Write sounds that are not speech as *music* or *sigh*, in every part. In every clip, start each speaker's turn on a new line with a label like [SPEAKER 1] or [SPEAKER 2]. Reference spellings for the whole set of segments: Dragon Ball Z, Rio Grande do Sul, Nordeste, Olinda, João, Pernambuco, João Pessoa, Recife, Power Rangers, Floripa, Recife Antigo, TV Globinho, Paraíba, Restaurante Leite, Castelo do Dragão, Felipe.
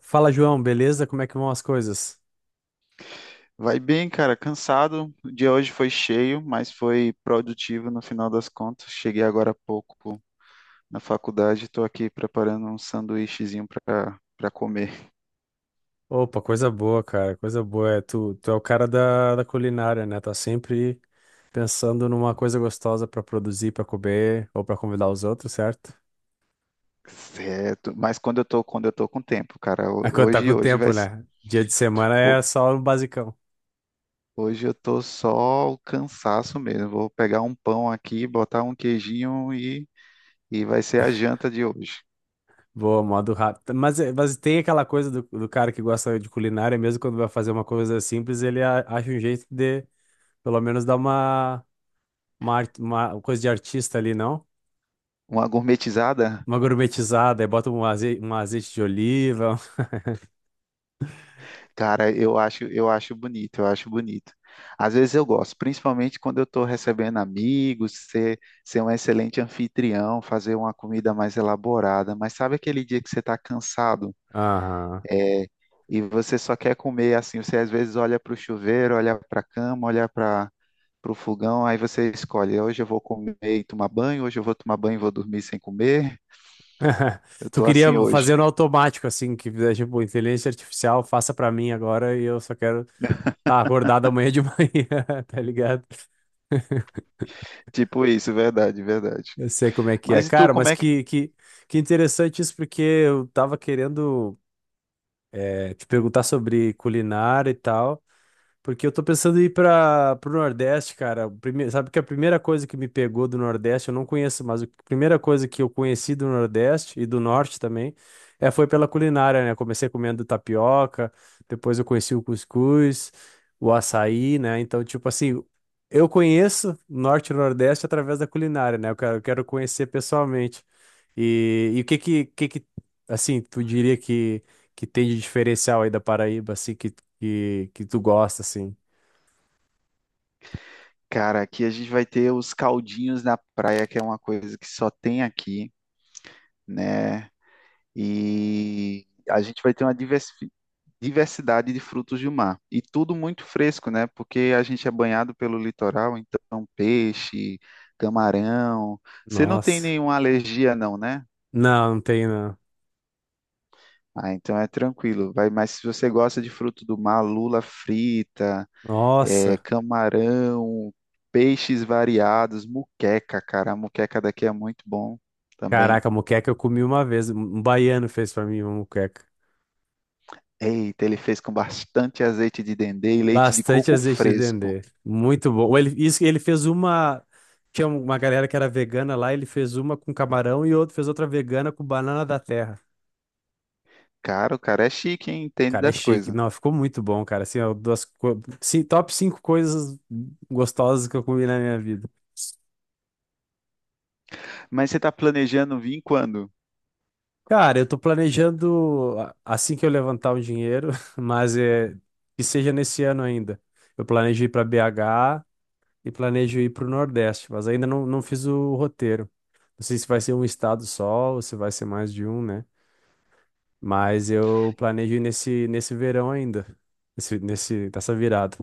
[SPEAKER 1] Fala, João, beleza? Como é que vão as coisas?
[SPEAKER 2] Vai bem, cara, cansado. O dia hoje foi cheio, mas foi produtivo no final das contas. Cheguei agora há pouco na faculdade, estou aqui preparando um sanduíchezinho para comer.
[SPEAKER 1] Opa, coisa boa, cara, coisa boa. É, tu é o cara da culinária, né? Tá sempre pensando numa coisa gostosa pra produzir, pra comer ou pra convidar os outros, certo?
[SPEAKER 2] Certo. Mas quando eu tô com tempo, cara, ho-
[SPEAKER 1] É quando tá com
[SPEAKER 2] hoje
[SPEAKER 1] o
[SPEAKER 2] hoje
[SPEAKER 1] tempo,
[SPEAKER 2] vai ser-
[SPEAKER 1] né? Dia de semana é
[SPEAKER 2] ho-
[SPEAKER 1] só o basicão.
[SPEAKER 2] hoje eu tô só o cansaço mesmo. Vou pegar um pão aqui, botar um queijinho e vai ser a janta de hoje.
[SPEAKER 1] Boa, modo rápido. Mas tem aquela coisa do cara que gosta de culinária, mesmo quando vai fazer uma coisa simples, ele acha um jeito de, pelo menos, dar uma coisa de artista ali, não?
[SPEAKER 2] Uma gourmetizada?
[SPEAKER 1] Uma gourmetizada, aí bota um azeite de oliva.
[SPEAKER 2] Cara, eu acho bonito, eu acho bonito. Às vezes eu gosto, principalmente quando eu estou recebendo amigos, ser um excelente anfitrião, fazer uma comida mais elaborada. Mas sabe aquele dia que você está cansado
[SPEAKER 1] Aham.
[SPEAKER 2] e você só quer comer assim? Você às vezes olha para o chuveiro, olha para a cama, olha para o fogão, aí você escolhe: hoje eu vou comer e tomar banho, hoje eu vou tomar banho e vou dormir sem comer.
[SPEAKER 1] *laughs*
[SPEAKER 2] Eu
[SPEAKER 1] Tu
[SPEAKER 2] estou assim
[SPEAKER 1] queria
[SPEAKER 2] hoje.
[SPEAKER 1] fazer no automático, assim, que fizesse, tipo, inteligência artificial, faça pra mim agora e eu só quero estar tá acordado amanhã de *laughs* manhã, tá ligado?
[SPEAKER 2] Tipo isso, verdade, verdade.
[SPEAKER 1] Eu sei como é que é.
[SPEAKER 2] Mas e tu,
[SPEAKER 1] Cara,
[SPEAKER 2] como
[SPEAKER 1] mas
[SPEAKER 2] é.
[SPEAKER 1] que interessante isso, porque eu tava querendo te perguntar sobre culinária e tal. Porque eu tô pensando em ir para pro Nordeste, cara. Sabe que a primeira coisa que me pegou do Nordeste, eu não conheço, mas a primeira coisa que eu conheci do Nordeste e do Norte também, foi pela culinária, né? Comecei comendo tapioca, depois eu conheci o cuscuz, o açaí, né? Então, tipo assim, eu conheço Norte e Nordeste através da culinária, né? Eu quero conhecer pessoalmente. E o que que assim, tu diria que tem de diferencial aí da Paraíba, assim, que tu gosta, assim?
[SPEAKER 2] Cara, aqui a gente vai ter os caldinhos na praia, que é uma coisa que só tem aqui, né? E a gente vai ter uma diversidade de frutos do mar. E tudo muito fresco, né? Porque a gente é banhado pelo litoral, então peixe, camarão. Você não tem
[SPEAKER 1] Nossa.
[SPEAKER 2] nenhuma alergia, não, né?
[SPEAKER 1] Não, não tem, não.
[SPEAKER 2] Ah, então é tranquilo. Vai, mas se você gosta de fruto do mar, lula frita, é,
[SPEAKER 1] Nossa.
[SPEAKER 2] camarão, peixes variados, muqueca, cara. A muqueca daqui é muito bom também.
[SPEAKER 1] Caraca, moqueca eu comi uma vez. Um baiano fez pra mim uma moqueca.
[SPEAKER 2] Eita, ele fez com bastante azeite de dendê e leite de
[SPEAKER 1] Bastante
[SPEAKER 2] coco
[SPEAKER 1] azeite de
[SPEAKER 2] fresco.
[SPEAKER 1] dendê. Muito bom. Ele, isso, ele fez uma. Tinha uma galera que era vegana lá, ele fez uma com camarão e outro fez outra vegana com banana da terra.
[SPEAKER 2] Cara, o cara é chique, hein? Entende
[SPEAKER 1] Cara, é
[SPEAKER 2] das
[SPEAKER 1] chique.
[SPEAKER 2] coisas.
[SPEAKER 1] Não, ficou muito bom, cara. Assim, ó, top 5 coisas gostosas que eu comi na minha vida.
[SPEAKER 2] Mas você tá planejando vir quando?
[SPEAKER 1] Cara, eu tô planejando assim que eu levantar o dinheiro, *laughs* mas é que seja nesse ano ainda. Eu planejo ir para BH e planejo ir para o Nordeste, mas ainda não, não fiz o roteiro. Não sei se vai ser um estado só ou se vai ser mais de um, né? Mas eu planejo ir nesse verão ainda, nessa virada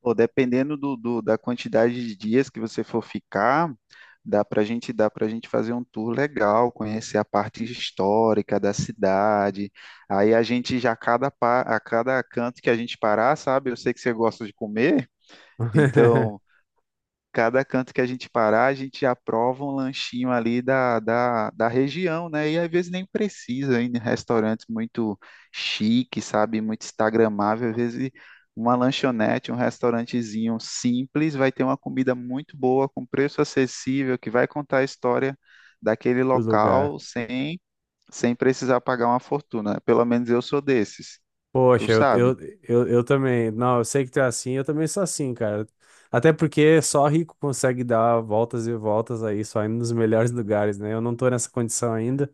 [SPEAKER 2] Pô, dependendo da quantidade de dias que você for ficar, dá para gente fazer um tour legal, conhecer a parte histórica da cidade. Aí a gente já a cada canto que a gente parar, sabe? Eu sei que você gosta de comer,
[SPEAKER 1] *laughs*
[SPEAKER 2] então. Cada canto que a gente parar, a gente aprova um lanchinho ali da região, né? E às vezes nem precisa ir em restaurantes muito chique, sabe? Muito instagramável. Às vezes uma lanchonete, um restaurantezinho simples vai ter uma comida muito boa, com preço acessível, que vai contar a história daquele
[SPEAKER 1] do lugar.
[SPEAKER 2] local sem, sem precisar pagar uma fortuna. Pelo menos eu sou desses, tu
[SPEAKER 1] Poxa, eu, eu,
[SPEAKER 2] sabe?
[SPEAKER 1] eu, eu também. Não, eu sei que tu é assim, eu também sou assim, cara. Até porque só rico consegue dar voltas e voltas aí, só indo nos melhores lugares, né? Eu não tô nessa condição ainda.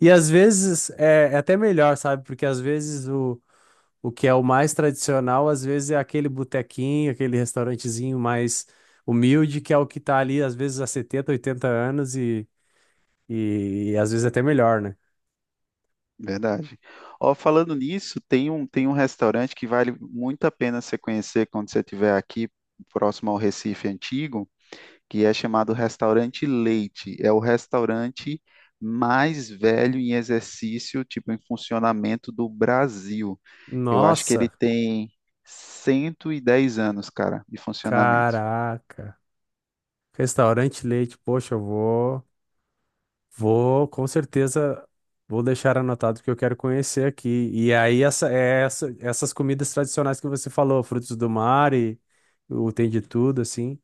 [SPEAKER 1] E às vezes é até melhor, sabe? Porque às vezes o que é o mais tradicional, às vezes é aquele botequinho, aquele restaurantezinho mais humilde, que é o que tá ali, às vezes, há 70, 80 anos e às vezes até melhor, né?
[SPEAKER 2] Verdade. Ó, falando nisso, tem um restaurante que vale muito a pena você conhecer quando você estiver aqui, próximo ao Recife Antigo, que é chamado Restaurante Leite. É o restaurante mais velho em exercício, tipo, em funcionamento do Brasil. Eu acho que ele
[SPEAKER 1] Nossa,
[SPEAKER 2] tem 110 anos, cara, de funcionamento.
[SPEAKER 1] caraca. Restaurante Leite, poxa, eu vou, com certeza, vou deixar anotado que eu quero conhecer aqui. E aí, essas comidas tradicionais que você falou, frutos do mar e o tem de tudo, assim.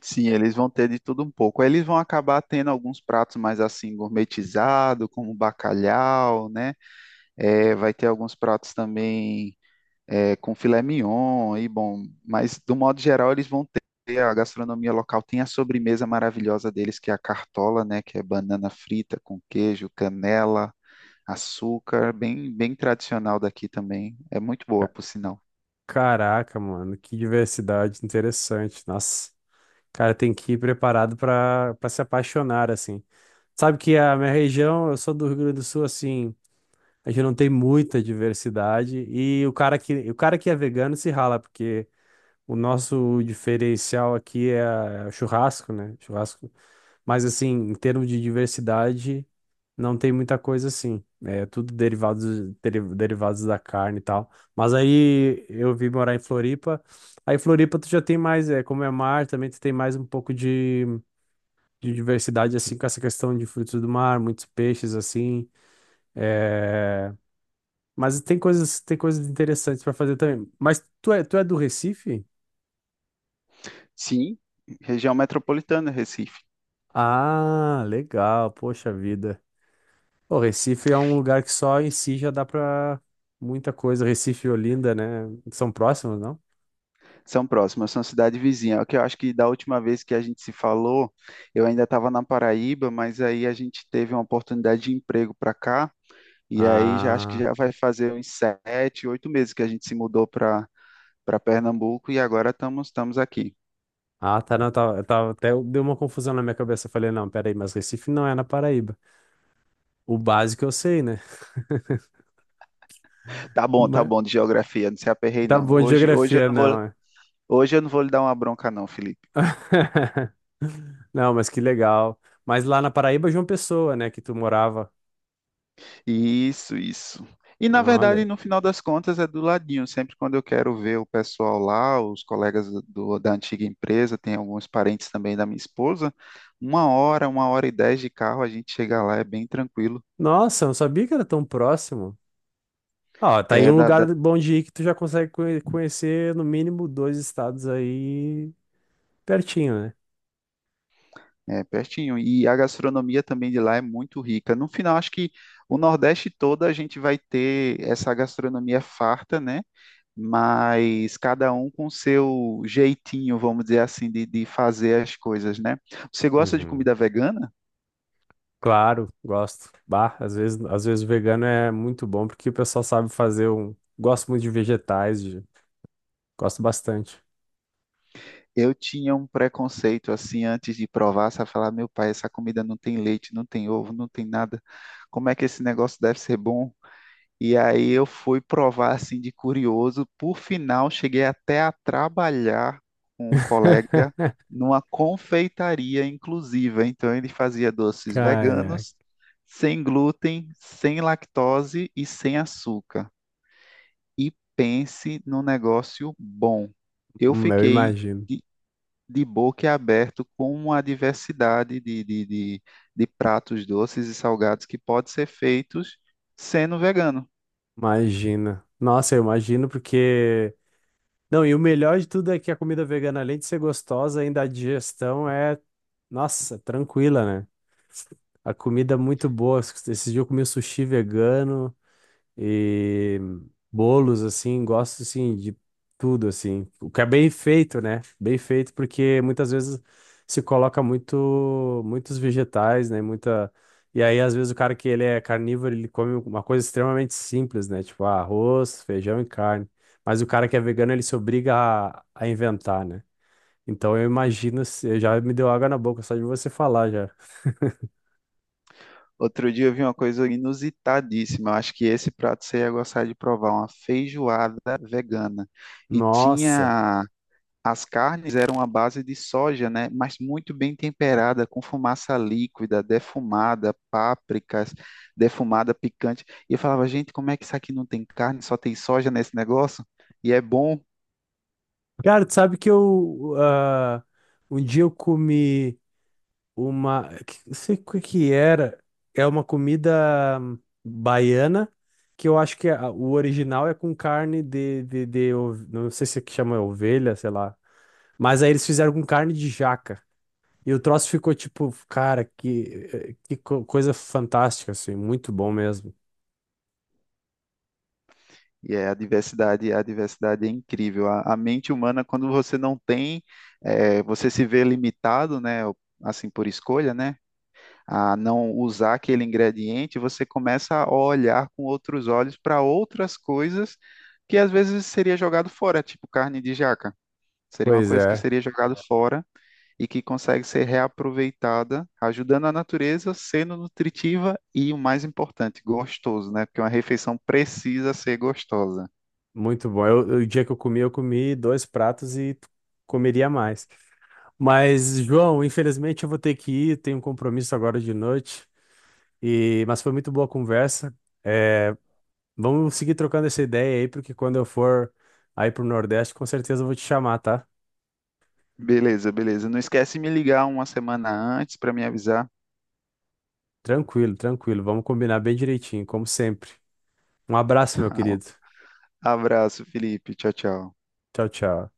[SPEAKER 2] Sim, eles vão ter de tudo um pouco. Aí eles vão acabar tendo alguns pratos mais assim gourmetizados, como bacalhau, né? É, vai ter alguns pratos também é, com filé mignon e bom, mas do modo geral eles vão ter a gastronomia local, tem a sobremesa maravilhosa deles que é a cartola, né, que é banana frita com queijo, canela, açúcar, bem bem tradicional daqui também. É muito boa,
[SPEAKER 1] Ca-
[SPEAKER 2] por sinal.
[SPEAKER 1] Caraca, mano, que diversidade interessante. Nossa, cara, tem que ir preparado para se apaixonar, assim. Sabe que a minha região, eu sou do Rio Grande do Sul, assim, a gente não tem muita diversidade. E o cara que é vegano se rala, porque. O nosso diferencial aqui é o churrasco, né? Churrasco. Mas assim, em termos de diversidade, não tem muita coisa assim. É tudo derivados, derivados da carne e tal. Mas aí eu vim morar em Floripa. Aí Floripa tu já tem mais, é, como é mar, também tu tem mais um pouco de diversidade, assim, com essa questão de frutos do mar, muitos peixes, assim. É... Mas tem coisas interessantes para fazer também. Mas tu é do Recife?
[SPEAKER 2] Sim, região metropolitana, Recife.
[SPEAKER 1] Ah, legal, poxa vida. O Recife é um lugar que só em si já dá pra muita coisa. Recife e Olinda, né? São próximos, não?
[SPEAKER 2] São próximas, são cidade vizinha. É o que eu acho que da última vez que a gente se falou, eu ainda estava na Paraíba, mas aí a gente teve uma oportunidade de emprego para cá. E aí já acho que já
[SPEAKER 1] Ah,
[SPEAKER 2] vai fazer uns 7, 8 meses que a gente se mudou para para Pernambuco e agora estamos aqui.
[SPEAKER 1] ah, tá, não, tá. Eu tava até deu uma confusão na minha cabeça. Eu falei, não, peraí, mas Recife não é na Paraíba. O básico eu sei, né? *laughs*
[SPEAKER 2] Tá
[SPEAKER 1] Mas
[SPEAKER 2] bom de geografia, não se aperrei
[SPEAKER 1] tá
[SPEAKER 2] não.
[SPEAKER 1] bom de
[SPEAKER 2] Hoje hoje eu
[SPEAKER 1] geografia,
[SPEAKER 2] não vou
[SPEAKER 1] não, é?
[SPEAKER 2] hoje eu não vou lhe dar uma bronca não, Felipe.
[SPEAKER 1] *laughs* Não, mas que legal. Mas lá na Paraíba, João Pessoa, né, que tu morava.
[SPEAKER 2] Isso, isso. E na verdade,
[SPEAKER 1] Olha.
[SPEAKER 2] no final das contas, é do ladinho. Sempre quando eu quero ver o pessoal lá, os colegas da antiga empresa, tem alguns parentes também da minha esposa, 1h10 de carro, a gente chega lá, é bem tranquilo.
[SPEAKER 1] Nossa, eu não sabia que era tão próximo. Ó, tá aí
[SPEAKER 2] É
[SPEAKER 1] um
[SPEAKER 2] da,
[SPEAKER 1] lugar bom de ir que tu já consegue conhecer no mínimo dois estados aí pertinho, né?
[SPEAKER 2] É, pertinho. E a gastronomia também de lá é muito rica. No final, acho que o Nordeste todo a gente vai ter essa gastronomia farta, né? Mas cada um com seu jeitinho, vamos dizer assim, de fazer as coisas, né? Você gosta de
[SPEAKER 1] Uhum.
[SPEAKER 2] comida vegana?
[SPEAKER 1] Claro, gosto. Bah, às vezes o vegano é muito bom porque o pessoal sabe fazer um. Gosto muito de vegetais, gosto bastante.
[SPEAKER 2] Eu tinha um preconceito assim antes de provar, sabe? Falar, meu pai, essa comida não tem leite, não tem ovo, não tem nada. Como é que esse negócio deve ser bom? E aí eu fui provar assim de curioso. Por final, cheguei até a trabalhar com um colega
[SPEAKER 1] *laughs*
[SPEAKER 2] numa confeitaria inclusiva. Então ele fazia doces
[SPEAKER 1] Caraca,
[SPEAKER 2] veganos, sem glúten, sem lactose e sem açúcar. E pense num negócio bom. Eu
[SPEAKER 1] eu
[SPEAKER 2] fiquei
[SPEAKER 1] imagino.
[SPEAKER 2] de, de boca aberto com a diversidade de, de pratos doces e salgados que pode ser feitos sendo vegano.
[SPEAKER 1] Imagina. Nossa, eu imagino porque Não, e o melhor de tudo é que a comida vegana, além de ser gostosa, ainda a digestão é, nossa, tranquila, né? A comida é muito boa. Esse dia eu comi um sushi vegano e bolos, assim, gosto, assim, de tudo, assim. O que é bem feito, né? Bem feito, porque muitas vezes se coloca muito, muitos vegetais, né? Muita. E aí, às vezes, o cara que ele é carnívoro, ele come uma coisa extremamente simples, né? Tipo, arroz, feijão e carne. Mas o cara que é vegano, ele se obriga a inventar, né? Então eu imagino, já me deu água na boca só de você falar já. *laughs*
[SPEAKER 2] Outro dia eu vi uma coisa inusitadíssima. Eu acho que esse prato você ia gostar de provar, uma feijoada vegana. E
[SPEAKER 1] Nossa.
[SPEAKER 2] tinha as carnes eram à base de soja, né? Mas muito bem temperada, com fumaça líquida, defumada, pápricas, defumada picante. E eu falava, gente, como é que isso aqui não tem carne, só tem soja nesse negócio? E é bom.
[SPEAKER 1] Cara, tu sabe que um dia eu comi Não sei o que que era. É uma comida baiana, que eu acho que o original é com carne. Não sei se é que chama ovelha, sei lá. Mas aí eles fizeram com carne de jaca. E o troço ficou tipo, cara, que coisa fantástica, assim. Muito bom mesmo.
[SPEAKER 2] E é a diversidade é incrível. A mente humana, quando você não tem, você se vê limitado, né? Assim por escolha, né? A não usar aquele ingrediente, você começa a olhar com outros olhos para outras coisas que às vezes seria jogado fora, tipo carne de jaca. Seria uma
[SPEAKER 1] Pois
[SPEAKER 2] coisa que
[SPEAKER 1] é,
[SPEAKER 2] seria jogado fora e que consegue ser reaproveitada, ajudando a natureza, sendo nutritiva e o mais importante, gostoso, né? Porque uma refeição precisa ser gostosa.
[SPEAKER 1] muito bom. O dia que eu comi dois pratos e comeria mais. Mas, João, infelizmente eu vou ter que ir, tenho um compromisso agora de noite. Mas foi muito boa a conversa. É, vamos seguir trocando essa ideia aí, porque quando eu for aí pro Nordeste, com certeza eu vou te chamar, tá?
[SPEAKER 2] Beleza, beleza. Não esquece de me ligar uma semana antes para me avisar.
[SPEAKER 1] Tranquilo, tranquilo. Vamos combinar bem direitinho, como sempre. Um abraço, meu querido.
[SPEAKER 2] *laughs* Abraço, Felipe. Tchau, tchau.
[SPEAKER 1] Tchau, tchau.